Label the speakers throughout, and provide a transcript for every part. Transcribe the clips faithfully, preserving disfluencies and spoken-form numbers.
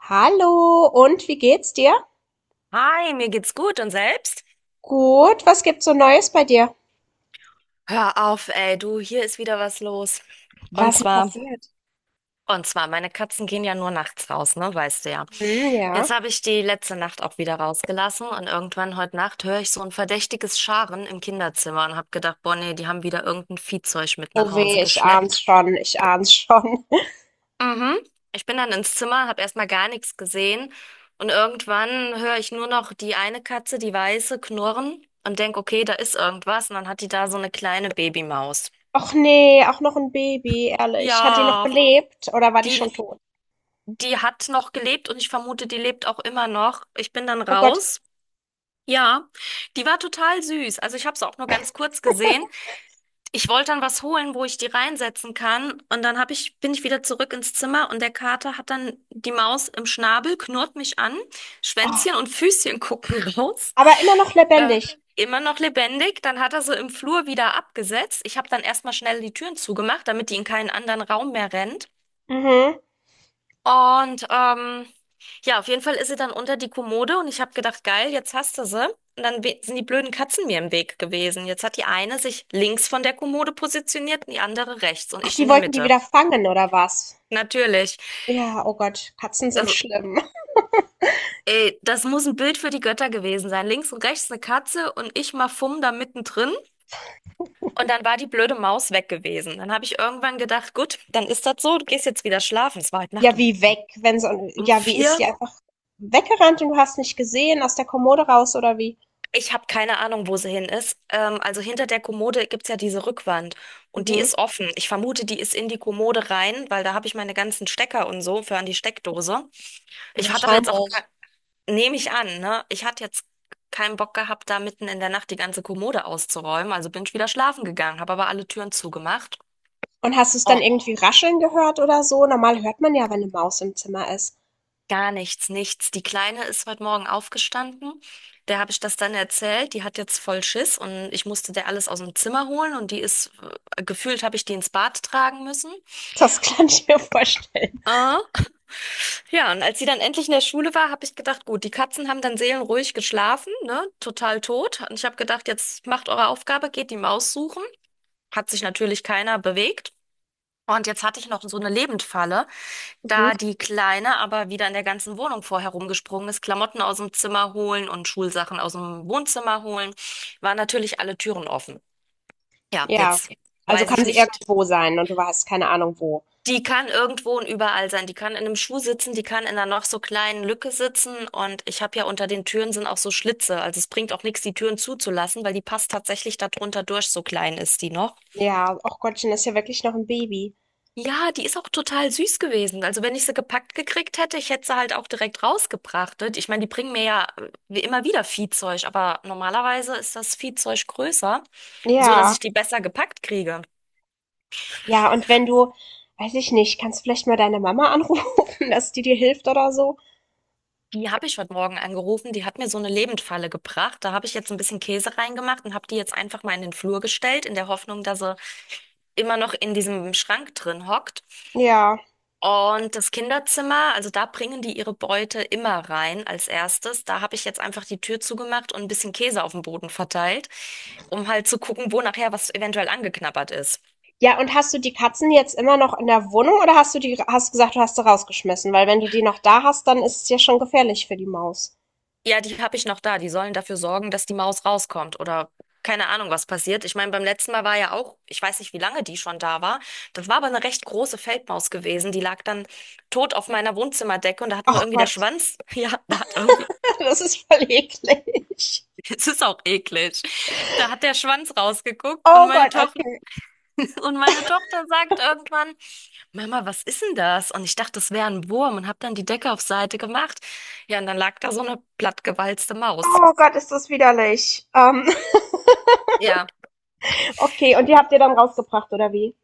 Speaker 1: Hallo, und wie geht's dir?
Speaker 2: Hi, mir geht's gut und selbst?
Speaker 1: Gut, was gibt's so Neues bei dir?
Speaker 2: Hör auf, ey, du, hier ist wieder was los. Und
Speaker 1: Was denn
Speaker 2: zwar,
Speaker 1: passiert?
Speaker 2: und zwar, meine Katzen gehen ja nur nachts raus, ne, weißt du ja.
Speaker 1: Hm,
Speaker 2: Jetzt
Speaker 1: ja.
Speaker 2: habe ich die letzte Nacht auch wieder rausgelassen und irgendwann heute Nacht höre ich so ein verdächtiges Scharen im Kinderzimmer und habe gedacht, boah, nee, die haben wieder irgendein Viehzeug mit nach
Speaker 1: Oh
Speaker 2: Hause
Speaker 1: weh, ich ahn's
Speaker 2: geschleppt.
Speaker 1: schon, ich ahn's schon.
Speaker 2: Mhm. Ich bin dann ins Zimmer, habe erstmal gar nichts gesehen und irgendwann höre ich nur noch die eine Katze, die weiße, knurren und denk, okay, da ist irgendwas und dann hat die da so eine kleine Babymaus.
Speaker 1: Och nee, auch noch ein Baby, ehrlich. Hat die noch
Speaker 2: Ja,
Speaker 1: gelebt oder war die
Speaker 2: die
Speaker 1: schon tot?
Speaker 2: die hat noch gelebt und ich vermute, die lebt auch immer noch. Ich bin dann
Speaker 1: Oh Gott.
Speaker 2: raus. Ja, die war total süß. Also ich habe sie auch nur ganz kurz gesehen. Ich wollte dann was holen, wo ich die reinsetzen kann. Und dann hab ich, bin ich wieder zurück ins Zimmer und der Kater hat dann die Maus im Schnabel, knurrt mich an,
Speaker 1: Oh,
Speaker 2: Schwänzchen und Füßchen gucken raus.
Speaker 1: aber immer noch
Speaker 2: Äh,
Speaker 1: lebendig.
Speaker 2: Immer noch lebendig. Dann hat er sie im Flur wieder abgesetzt. Ich habe dann erstmal schnell die Türen zugemacht, damit die in keinen anderen Raum mehr rennt.
Speaker 1: Mhm.
Speaker 2: Und ähm, ja, auf jeden Fall ist sie dann unter die Kommode und ich habe gedacht, geil, jetzt hast du sie. Und dann we- sind die blöden Katzen mir im Weg gewesen. Jetzt hat die eine sich links von der Kommode positioniert und die andere rechts und
Speaker 1: Ach,
Speaker 2: ich
Speaker 1: die
Speaker 2: in der
Speaker 1: wollten die
Speaker 2: Mitte.
Speaker 1: wieder fangen oder was?
Speaker 2: Natürlich.
Speaker 1: Ja, oh Gott, Katzen sind
Speaker 2: Das,
Speaker 1: schlimm.
Speaker 2: ey, das muss ein Bild für die Götter gewesen sein. Links und rechts eine Katze und ich mal fumm da mittendrin. Und dann war die blöde Maus weg gewesen. Dann habe ich irgendwann gedacht, gut, dann ist das so, du gehst jetzt wieder schlafen. Es war heute Nacht
Speaker 1: Ja,
Speaker 2: um,
Speaker 1: wie weg, wenn so, ein-
Speaker 2: um
Speaker 1: ja, wie ist
Speaker 2: vier.
Speaker 1: die einfach weggerannt und du hast nicht gesehen, aus der Kommode raus oder wie?
Speaker 2: Ich habe keine Ahnung, wo sie hin ist. Ähm, also hinter der Kommode gibt's ja diese Rückwand und die
Speaker 1: Mhm.
Speaker 2: ist offen. Ich vermute, die ist in die Kommode rein, weil da habe ich meine ganzen Stecker und so für an die Steckdose. Ich hatte aber jetzt auch,
Speaker 1: Wahrscheinlich.
Speaker 2: ke- nehme ich an, ne? Ich hatte jetzt keinen Bock gehabt, da mitten in der Nacht die ganze Kommode auszuräumen. Also bin ich wieder schlafen gegangen, habe aber alle Türen zugemacht.
Speaker 1: Und hast du es dann
Speaker 2: Oh,
Speaker 1: irgendwie rascheln gehört oder so? Normal hört man ja, wenn eine Maus im Zimmer ist.
Speaker 2: gar nichts, nichts. Die Kleine ist heute Morgen aufgestanden. Der habe ich das dann erzählt. Die hat jetzt voll Schiss und ich musste der alles aus dem Zimmer holen und die ist, äh, gefühlt habe ich die ins Bad tragen müssen.
Speaker 1: Das kann ich mir vorstellen.
Speaker 2: Ah, ja, und als sie dann endlich in der Schule war, habe ich gedacht, gut, die Katzen haben dann seelenruhig geschlafen, ne, total tot. Und ich habe gedacht, jetzt macht eure Aufgabe, geht die Maus suchen. Hat sich natürlich keiner bewegt. Und jetzt hatte ich noch so eine Lebendfalle.
Speaker 1: Mhm.
Speaker 2: Da die Kleine aber wieder in der ganzen Wohnung vorher rumgesprungen ist, Klamotten aus dem Zimmer holen und Schulsachen aus dem Wohnzimmer holen, waren natürlich alle Türen offen. Ja,
Speaker 1: Ja.
Speaker 2: jetzt
Speaker 1: Also
Speaker 2: weiß
Speaker 1: kann
Speaker 2: ich
Speaker 1: sie
Speaker 2: nicht.
Speaker 1: irgendwo sein und du hast keine Ahnung wo.
Speaker 2: Die kann irgendwo und überall sein. Die kann in einem Schuh sitzen, die kann in einer noch so kleinen Lücke sitzen. Und ich habe ja unter den Türen sind auch so Schlitze. Also es bringt auch nichts, die Türen zuzulassen, weil die passt tatsächlich da drunter durch, so klein ist die noch.
Speaker 1: Ja, ach Gottchen, das ist ja wirklich noch ein Baby.
Speaker 2: Ja, die ist auch total süß gewesen. Also wenn ich sie gepackt gekriegt hätte, ich hätte sie halt auch direkt rausgebracht, ne? Ich meine, die bringen mir ja äh, wie immer wieder Viehzeug, aber normalerweise ist das Viehzeug größer, so dass
Speaker 1: Ja.
Speaker 2: ich die besser gepackt kriege.
Speaker 1: Ja, und wenn du weiß ich nicht, kannst vielleicht mal deine Mama anrufen, dass die dir hilft oder so?
Speaker 2: Die habe ich heute Morgen angerufen, die hat mir so eine Lebendfalle gebracht. Da habe ich jetzt ein bisschen Käse reingemacht und habe die jetzt einfach mal in den Flur gestellt, in der Hoffnung, dass sie immer noch in diesem Schrank drin hockt.
Speaker 1: Ja.
Speaker 2: Und das Kinderzimmer, also da bringen die ihre Beute immer rein als erstes. Da habe ich jetzt einfach die Tür zugemacht und ein bisschen Käse auf dem Boden verteilt, um halt zu gucken, wo nachher was eventuell angeknabbert ist.
Speaker 1: Ja, und hast du die Katzen jetzt immer noch in der Wohnung oder hast du die hast gesagt, du hast sie rausgeschmissen? Weil wenn du die noch da hast, dann ist es ja schon gefährlich für die Maus.
Speaker 2: Ja, die habe ich noch da. Die sollen dafür sorgen, dass die Maus rauskommt oder keine Ahnung, was passiert. Ich meine, beim letzten Mal war ja auch, ich weiß nicht, wie lange die schon da war. Das war aber eine recht große Feldmaus gewesen. Die lag dann tot auf meiner Wohnzimmerdecke und da hat nur
Speaker 1: Ach
Speaker 2: irgendwie der
Speaker 1: Gott.
Speaker 2: Schwanz, ja, da hat irgendwie
Speaker 1: Das ist voll eklig.
Speaker 2: es ist auch eklig. Da hat der Schwanz rausgeguckt und
Speaker 1: Oh
Speaker 2: meine
Speaker 1: Gott,
Speaker 2: Tochter
Speaker 1: okay.
Speaker 2: und meine Tochter sagt irgendwann, Mama, was ist denn das? Und ich dachte, das wäre ein Wurm und habe dann die Decke auf Seite gemacht. Ja, und dann lag da so eine plattgewalzte Maus.
Speaker 1: Oh Gott, ist das widerlich. Ähm,
Speaker 2: Ja,
Speaker 1: okay, und die habt ihr dann rausgebracht, oder wie?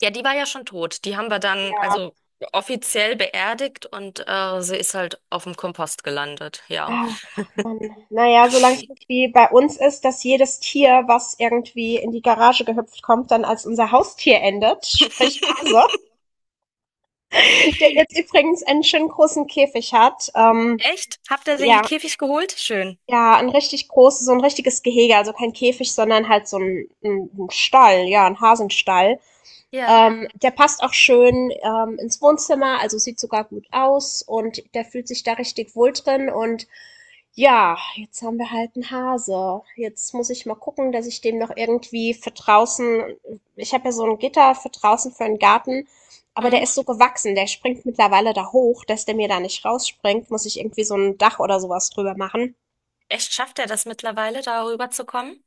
Speaker 2: ja, die war ja schon tot. Die haben wir dann
Speaker 1: Ja.
Speaker 2: also offiziell beerdigt und äh, sie ist halt auf dem Kompost gelandet. Ja.
Speaker 1: Ach, Mann. Naja, solange es nicht wie bei uns ist, dass jedes Tier, was irgendwie in die Garage gehüpft kommt, dann als unser Haustier endet, sprich Hase, der jetzt übrigens einen schönen großen Käfig hat. Ähm,
Speaker 2: Echt? Habt ihr den
Speaker 1: ja,
Speaker 2: Käfig geholt? Schön.
Speaker 1: Ja, ein richtig großes, so ein richtiges Gehege, also kein Käfig, sondern halt so ein 'n 'n Stall, ja, ein Hasenstall.
Speaker 2: Ja.
Speaker 1: Ähm, der passt auch schön, ähm, ins Wohnzimmer, also sieht sogar gut aus und der fühlt sich da richtig wohl drin und ja, jetzt haben wir halt einen Hase. Jetzt muss ich mal gucken, dass ich dem noch irgendwie für draußen Ich habe ja so ein Gitter für draußen für den Garten, aber der ist so
Speaker 2: Mhm.
Speaker 1: gewachsen, der springt mittlerweile da hoch, dass der mir da nicht rausspringt, muss ich irgendwie so ein Dach oder sowas drüber machen.
Speaker 2: Echt, schafft er das mittlerweile, darüber zu kommen?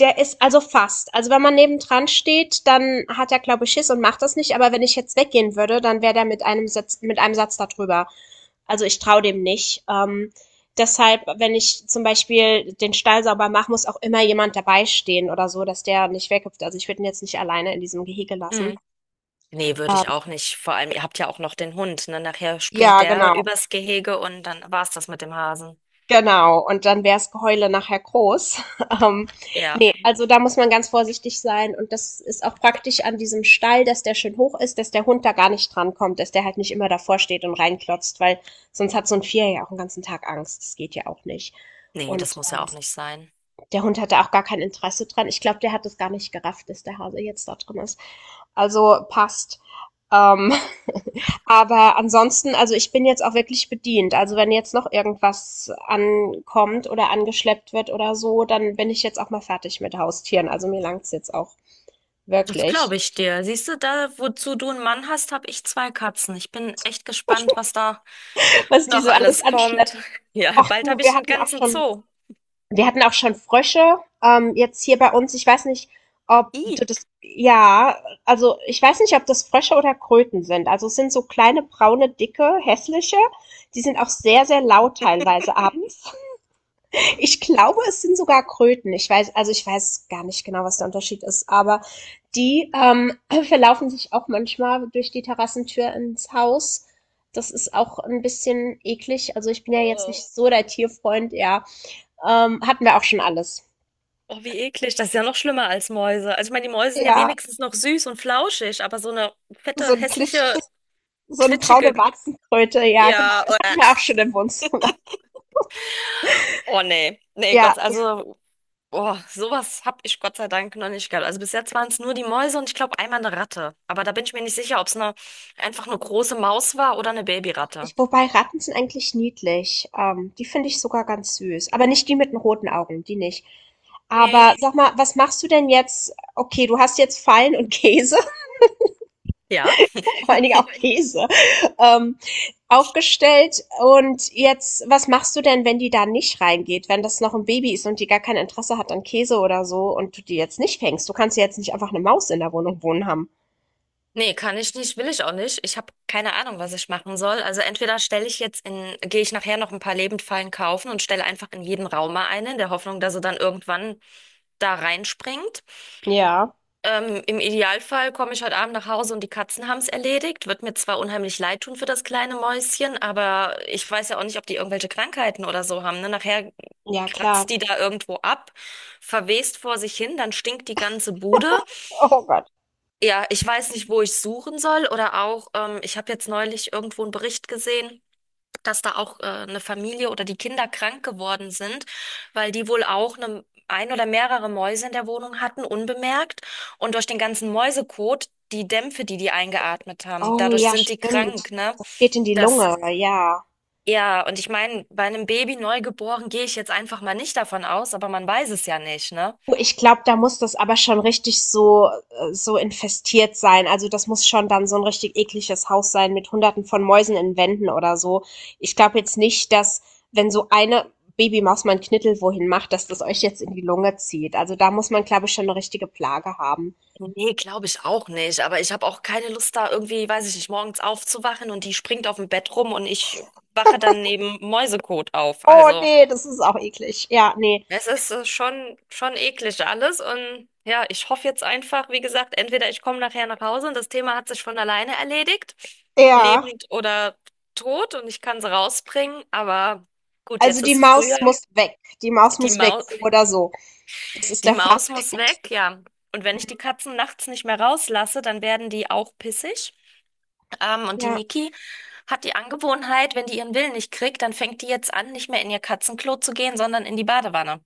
Speaker 1: Der ist also fast. Also wenn man nebendran steht, dann hat er, glaube ich, Schiss und macht das nicht. Aber wenn ich jetzt weggehen würde, dann wäre der mit einem Satz, mit einem Satz da drüber. Also ich traue dem nicht. Ähm, deshalb, wenn ich zum Beispiel den Stall sauber mache, muss auch immer jemand dabei stehen oder so, dass der nicht weghüpft. Also ich würde ihn jetzt nicht alleine in diesem Gehege lassen.
Speaker 2: Nee, würde
Speaker 1: Ähm,
Speaker 2: ich auch nicht. Vor allem, ihr habt ja auch noch den Hund, ne? Nachher springt
Speaker 1: ja,
Speaker 2: der
Speaker 1: genau.
Speaker 2: übers Gehege und dann war's das mit dem Hasen.
Speaker 1: Genau, und dann wär's Geheule nachher groß. Ähm,
Speaker 2: Ja,
Speaker 1: ne, also da muss man ganz vorsichtig sein und das ist auch praktisch an diesem Stall, dass der schön hoch ist, dass der Hund da gar nicht dran kommt, dass der halt nicht immer davor steht und reinklotzt, weil sonst hat so ein Vierer ja auch 'n ganzen Tag Angst. Das geht ja auch nicht.
Speaker 2: nee,
Speaker 1: Und
Speaker 2: das muss ja auch nicht sein.
Speaker 1: der Hund hatte auch gar kein Interesse dran. Ich glaube, der hat es gar nicht gerafft, dass der Hase jetzt da drin ist. Also passt. Ähm, aber ansonsten, also ich bin jetzt auch wirklich bedient. Also wenn jetzt noch irgendwas ankommt oder angeschleppt wird oder so, dann bin ich jetzt auch mal fertig mit Haustieren. Also mir langt's jetzt auch
Speaker 2: Das glaube
Speaker 1: wirklich,
Speaker 2: ich dir. Siehst du, da, wozu du einen Mann hast, habe ich zwei Katzen. Ich bin echt gespannt, was da
Speaker 1: was die
Speaker 2: noch
Speaker 1: so alles
Speaker 2: alles kommt.
Speaker 1: anschleppen.
Speaker 2: Ja,
Speaker 1: Ach
Speaker 2: bald
Speaker 1: du,
Speaker 2: habe ich
Speaker 1: wir
Speaker 2: einen
Speaker 1: hatten auch
Speaker 2: ganzen
Speaker 1: schon
Speaker 2: Zoo.
Speaker 1: Wir hatten auch schon Frösche, ähm, jetzt hier bei uns. Ich weiß nicht, ob
Speaker 2: Ih.
Speaker 1: du das, ja, Also ich weiß nicht, ob das Frösche oder Kröten sind. Also es sind so kleine, braune, dicke, hässliche. Die sind auch sehr, sehr laut teilweise abends. Ich glaube, es sind sogar Kröten. Ich weiß, also ich weiß gar nicht genau, was der Unterschied ist, aber die ähm, verlaufen sich auch manchmal durch die Terrassentür ins Haus. Das ist auch ein bisschen eklig. Also ich bin ja jetzt nicht
Speaker 2: Oh,
Speaker 1: so der Tierfreund, ja. Ähm, hatten wir auch schon alles.
Speaker 2: oh, wie eklig. Das ist ja noch schlimmer als Mäuse. Also ich meine, die Mäuse sind ja
Speaker 1: Ja,
Speaker 2: wenigstens noch süß und flauschig, aber so eine
Speaker 1: so
Speaker 2: fette,
Speaker 1: ein glitschig,
Speaker 2: hässliche,
Speaker 1: so eine braune
Speaker 2: klitschige,
Speaker 1: Warzenkröte, ja genau.
Speaker 2: ja.
Speaker 1: Hatten
Speaker 2: äh.
Speaker 1: wir auch schon im Wohnzimmer.
Speaker 2: Oh nee. Nee,
Speaker 1: Ja,
Speaker 2: Gott,
Speaker 1: das
Speaker 2: also boah, sowas habe ich Gott sei Dank noch nicht gehabt. Also bis jetzt waren es nur die Mäuse und ich glaube einmal eine Ratte. Aber da bin ich mir nicht sicher, ob es eine, einfach eine große Maus war oder eine Babyratte.
Speaker 1: Ich, wobei, Ratten sind eigentlich niedlich. Ähm, die finde ich sogar ganz süß, aber nicht die mit den roten Augen, die nicht. Aber
Speaker 2: Nee,
Speaker 1: sag mal, was machst du denn jetzt? Okay, du hast jetzt Fallen und Käse.
Speaker 2: ja.
Speaker 1: Vor allen Dingen auch Käse, ähm, aufgestellt. Und jetzt, was machst du denn, wenn die da nicht reingeht, wenn das noch ein Baby ist und die gar kein Interesse hat an Käse oder so und du die jetzt nicht fängst? Du kannst ja jetzt nicht einfach eine Maus in der Wohnung wohnen haben.
Speaker 2: Nee, kann ich nicht, will ich auch nicht. Ich habe keine Ahnung, was ich machen soll. Also entweder stelle ich jetzt in, gehe ich nachher noch ein paar Lebendfallen kaufen und stelle einfach in jeden Raum mal eine, in der Hoffnung, dass er dann irgendwann da reinspringt.
Speaker 1: Ja,
Speaker 2: Ähm, im Idealfall komme ich heute Abend nach Hause und die Katzen haben es erledigt. Wird mir zwar unheimlich leid tun für das kleine Mäuschen, aber ich weiß ja auch nicht, ob die irgendwelche Krankheiten oder so haben, ne? Nachher
Speaker 1: ja, klar.
Speaker 2: kratzt die da irgendwo ab, verwest vor sich hin, dann stinkt die ganze Bude.
Speaker 1: Oh Gott.
Speaker 2: Ja, ich weiß nicht, wo ich suchen soll oder auch, ähm, ich habe jetzt neulich irgendwo einen Bericht gesehen, dass da auch äh, eine Familie oder die Kinder krank geworden sind, weil die wohl auch eine, ein oder mehrere Mäuse in der Wohnung hatten, unbemerkt. Und durch den ganzen Mäusekot, die Dämpfe, die die eingeatmet haben,
Speaker 1: Oh
Speaker 2: dadurch
Speaker 1: ja,
Speaker 2: sind die krank,
Speaker 1: stimmt.
Speaker 2: ne?
Speaker 1: Das geht in die
Speaker 2: Das,
Speaker 1: Lunge, ja.
Speaker 2: ja, und ich meine, bei einem Baby neugeboren gehe ich jetzt einfach mal nicht davon aus, aber man weiß es ja nicht, ne?
Speaker 1: Oh, ich glaube, da muss das aber schon richtig so äh, so infestiert sein. Also, das muss schon dann so ein richtig ekliges Haus sein mit Hunderten von Mäusen in Wänden oder so. Ich glaube jetzt nicht, dass, wenn so eine Babymaus mal 'n Knittel wohin macht, dass das euch jetzt in die Lunge zieht. Also, da muss man, glaube ich, schon eine richtige Plage haben.
Speaker 2: Nee, glaube ich auch nicht. Aber ich habe auch keine Lust, da irgendwie, weiß ich nicht, morgens aufzuwachen und die springt auf dem Bett rum und ich wache dann neben Mäusekot auf.
Speaker 1: Oh
Speaker 2: Also.
Speaker 1: nee, das ist auch eklig. Ja, nee,
Speaker 2: Es ist äh, schon, schon eklig alles und ja, ich hoffe jetzt einfach, wie gesagt, entweder ich komme nachher nach Hause und das Thema hat sich von alleine erledigt,
Speaker 1: ja.
Speaker 2: lebend oder tot und ich kann sie rausbringen, aber gut,
Speaker 1: Also,
Speaker 2: jetzt
Speaker 1: die
Speaker 2: ist früher,
Speaker 1: Maus muss weg. Die Maus
Speaker 2: die
Speaker 1: muss weg,
Speaker 2: Maus,
Speaker 1: so oder so. Das ist
Speaker 2: die
Speaker 1: der
Speaker 2: Maus muss
Speaker 1: Fazit.
Speaker 2: weg, ja. Und wenn ich die Katzen nachts nicht mehr rauslasse, dann werden die auch pissig. Ähm, und die
Speaker 1: Ja.
Speaker 2: Niki hat die Angewohnheit, wenn die ihren Willen nicht kriegt, dann fängt die jetzt an, nicht mehr in ihr Katzenklo zu gehen, sondern in die Badewanne.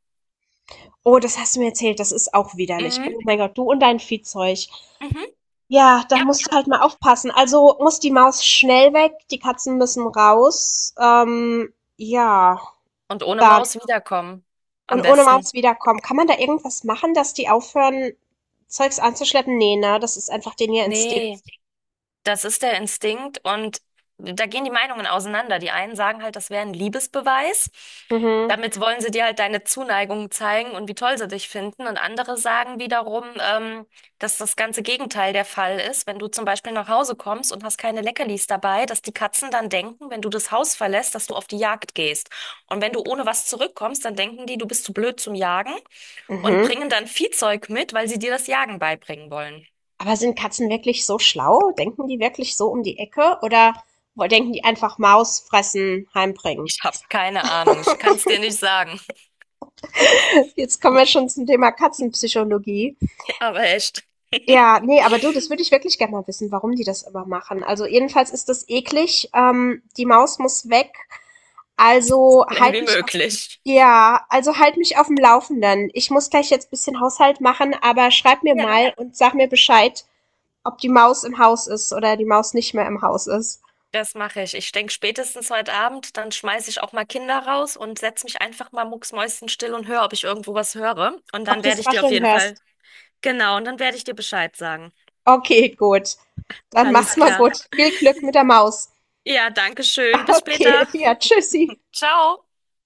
Speaker 1: Oh, das hast du mir erzählt, das ist auch widerlich.
Speaker 2: Mhm.
Speaker 1: Oh mein Gott, du und dein Viehzeug.
Speaker 2: Mhm.
Speaker 1: Ja,
Speaker 2: Ja.
Speaker 1: dann musst du halt mal aufpassen. Also muss die Maus schnell weg, die Katzen müssen raus. Ähm, ja,
Speaker 2: Und ohne
Speaker 1: dann.
Speaker 2: Maus wiederkommen. Am
Speaker 1: Und ohne
Speaker 2: besten.
Speaker 1: Maus wiederkommen. Kann man da irgendwas machen, dass die aufhören, Zeugs anzuschleppen? Nee, ne? Das ist einfach denen ihr Instinkt.
Speaker 2: Nee, das ist der Instinkt und da gehen die Meinungen auseinander. Die einen sagen halt, das wäre ein Liebesbeweis.
Speaker 1: Mhm.
Speaker 2: Damit wollen sie dir halt deine Zuneigung zeigen und wie toll sie dich finden. Und andere sagen wiederum, ähm, dass das ganze Gegenteil der Fall ist. Wenn du zum Beispiel nach Hause kommst und hast keine Leckerlis dabei, dass die Katzen dann denken, wenn du das Haus verlässt, dass du auf die Jagd gehst. Und wenn du ohne was zurückkommst, dann denken die, du bist zu blöd zum Jagen und
Speaker 1: Mhm.
Speaker 2: bringen dann Viehzeug mit, weil sie dir das Jagen beibringen wollen.
Speaker 1: Aber sind Katzen wirklich so schlau? Denken die wirklich so um die Ecke? Oder wo- denken die einfach Maus fressen, heimbringen?
Speaker 2: Ich habe keine Ahnung, ich kann es dir nicht sagen,
Speaker 1: Jetzt kommen wir schon zum Thema Katzenpsychologie.
Speaker 2: aber echt
Speaker 1: Ja, ne, aber du, das würde ich wirklich gerne mal wissen, warum die das immer machen. Also jedenfalls ist das eklig. Ähm, die Maus muss weg. Also
Speaker 2: schnell
Speaker 1: halt
Speaker 2: wie
Speaker 1: mich auf,
Speaker 2: möglich.
Speaker 1: ja, also halt mich auf dem Laufenden. Ich muss gleich jetzt ein bisschen Haushalt machen, aber schreib mir
Speaker 2: Ja,
Speaker 1: mal und sag mir Bescheid, ob die Maus im Haus ist oder die Maus nicht mehr im Haus ist.
Speaker 2: das mache ich. Ich denke spätestens heute Abend, dann schmeiße ich auch mal Kinder raus und setze mich einfach mal mucksmäuschenstill und höre, ob ich irgendwo was höre. Und
Speaker 1: Ob
Speaker 2: dann
Speaker 1: du
Speaker 2: werde
Speaker 1: das
Speaker 2: ich dir auf
Speaker 1: Rascheln
Speaker 2: jeden Fall,
Speaker 1: hörst.
Speaker 2: genau, und dann werde ich dir Bescheid sagen.
Speaker 1: Okay, gut. Dann
Speaker 2: Alles
Speaker 1: mach's mal
Speaker 2: klar.
Speaker 1: gut. Viel Glück mit der Maus.
Speaker 2: Ja, danke schön. Bis
Speaker 1: Okay,
Speaker 2: später.
Speaker 1: ja, tschüssi.
Speaker 2: Ciao.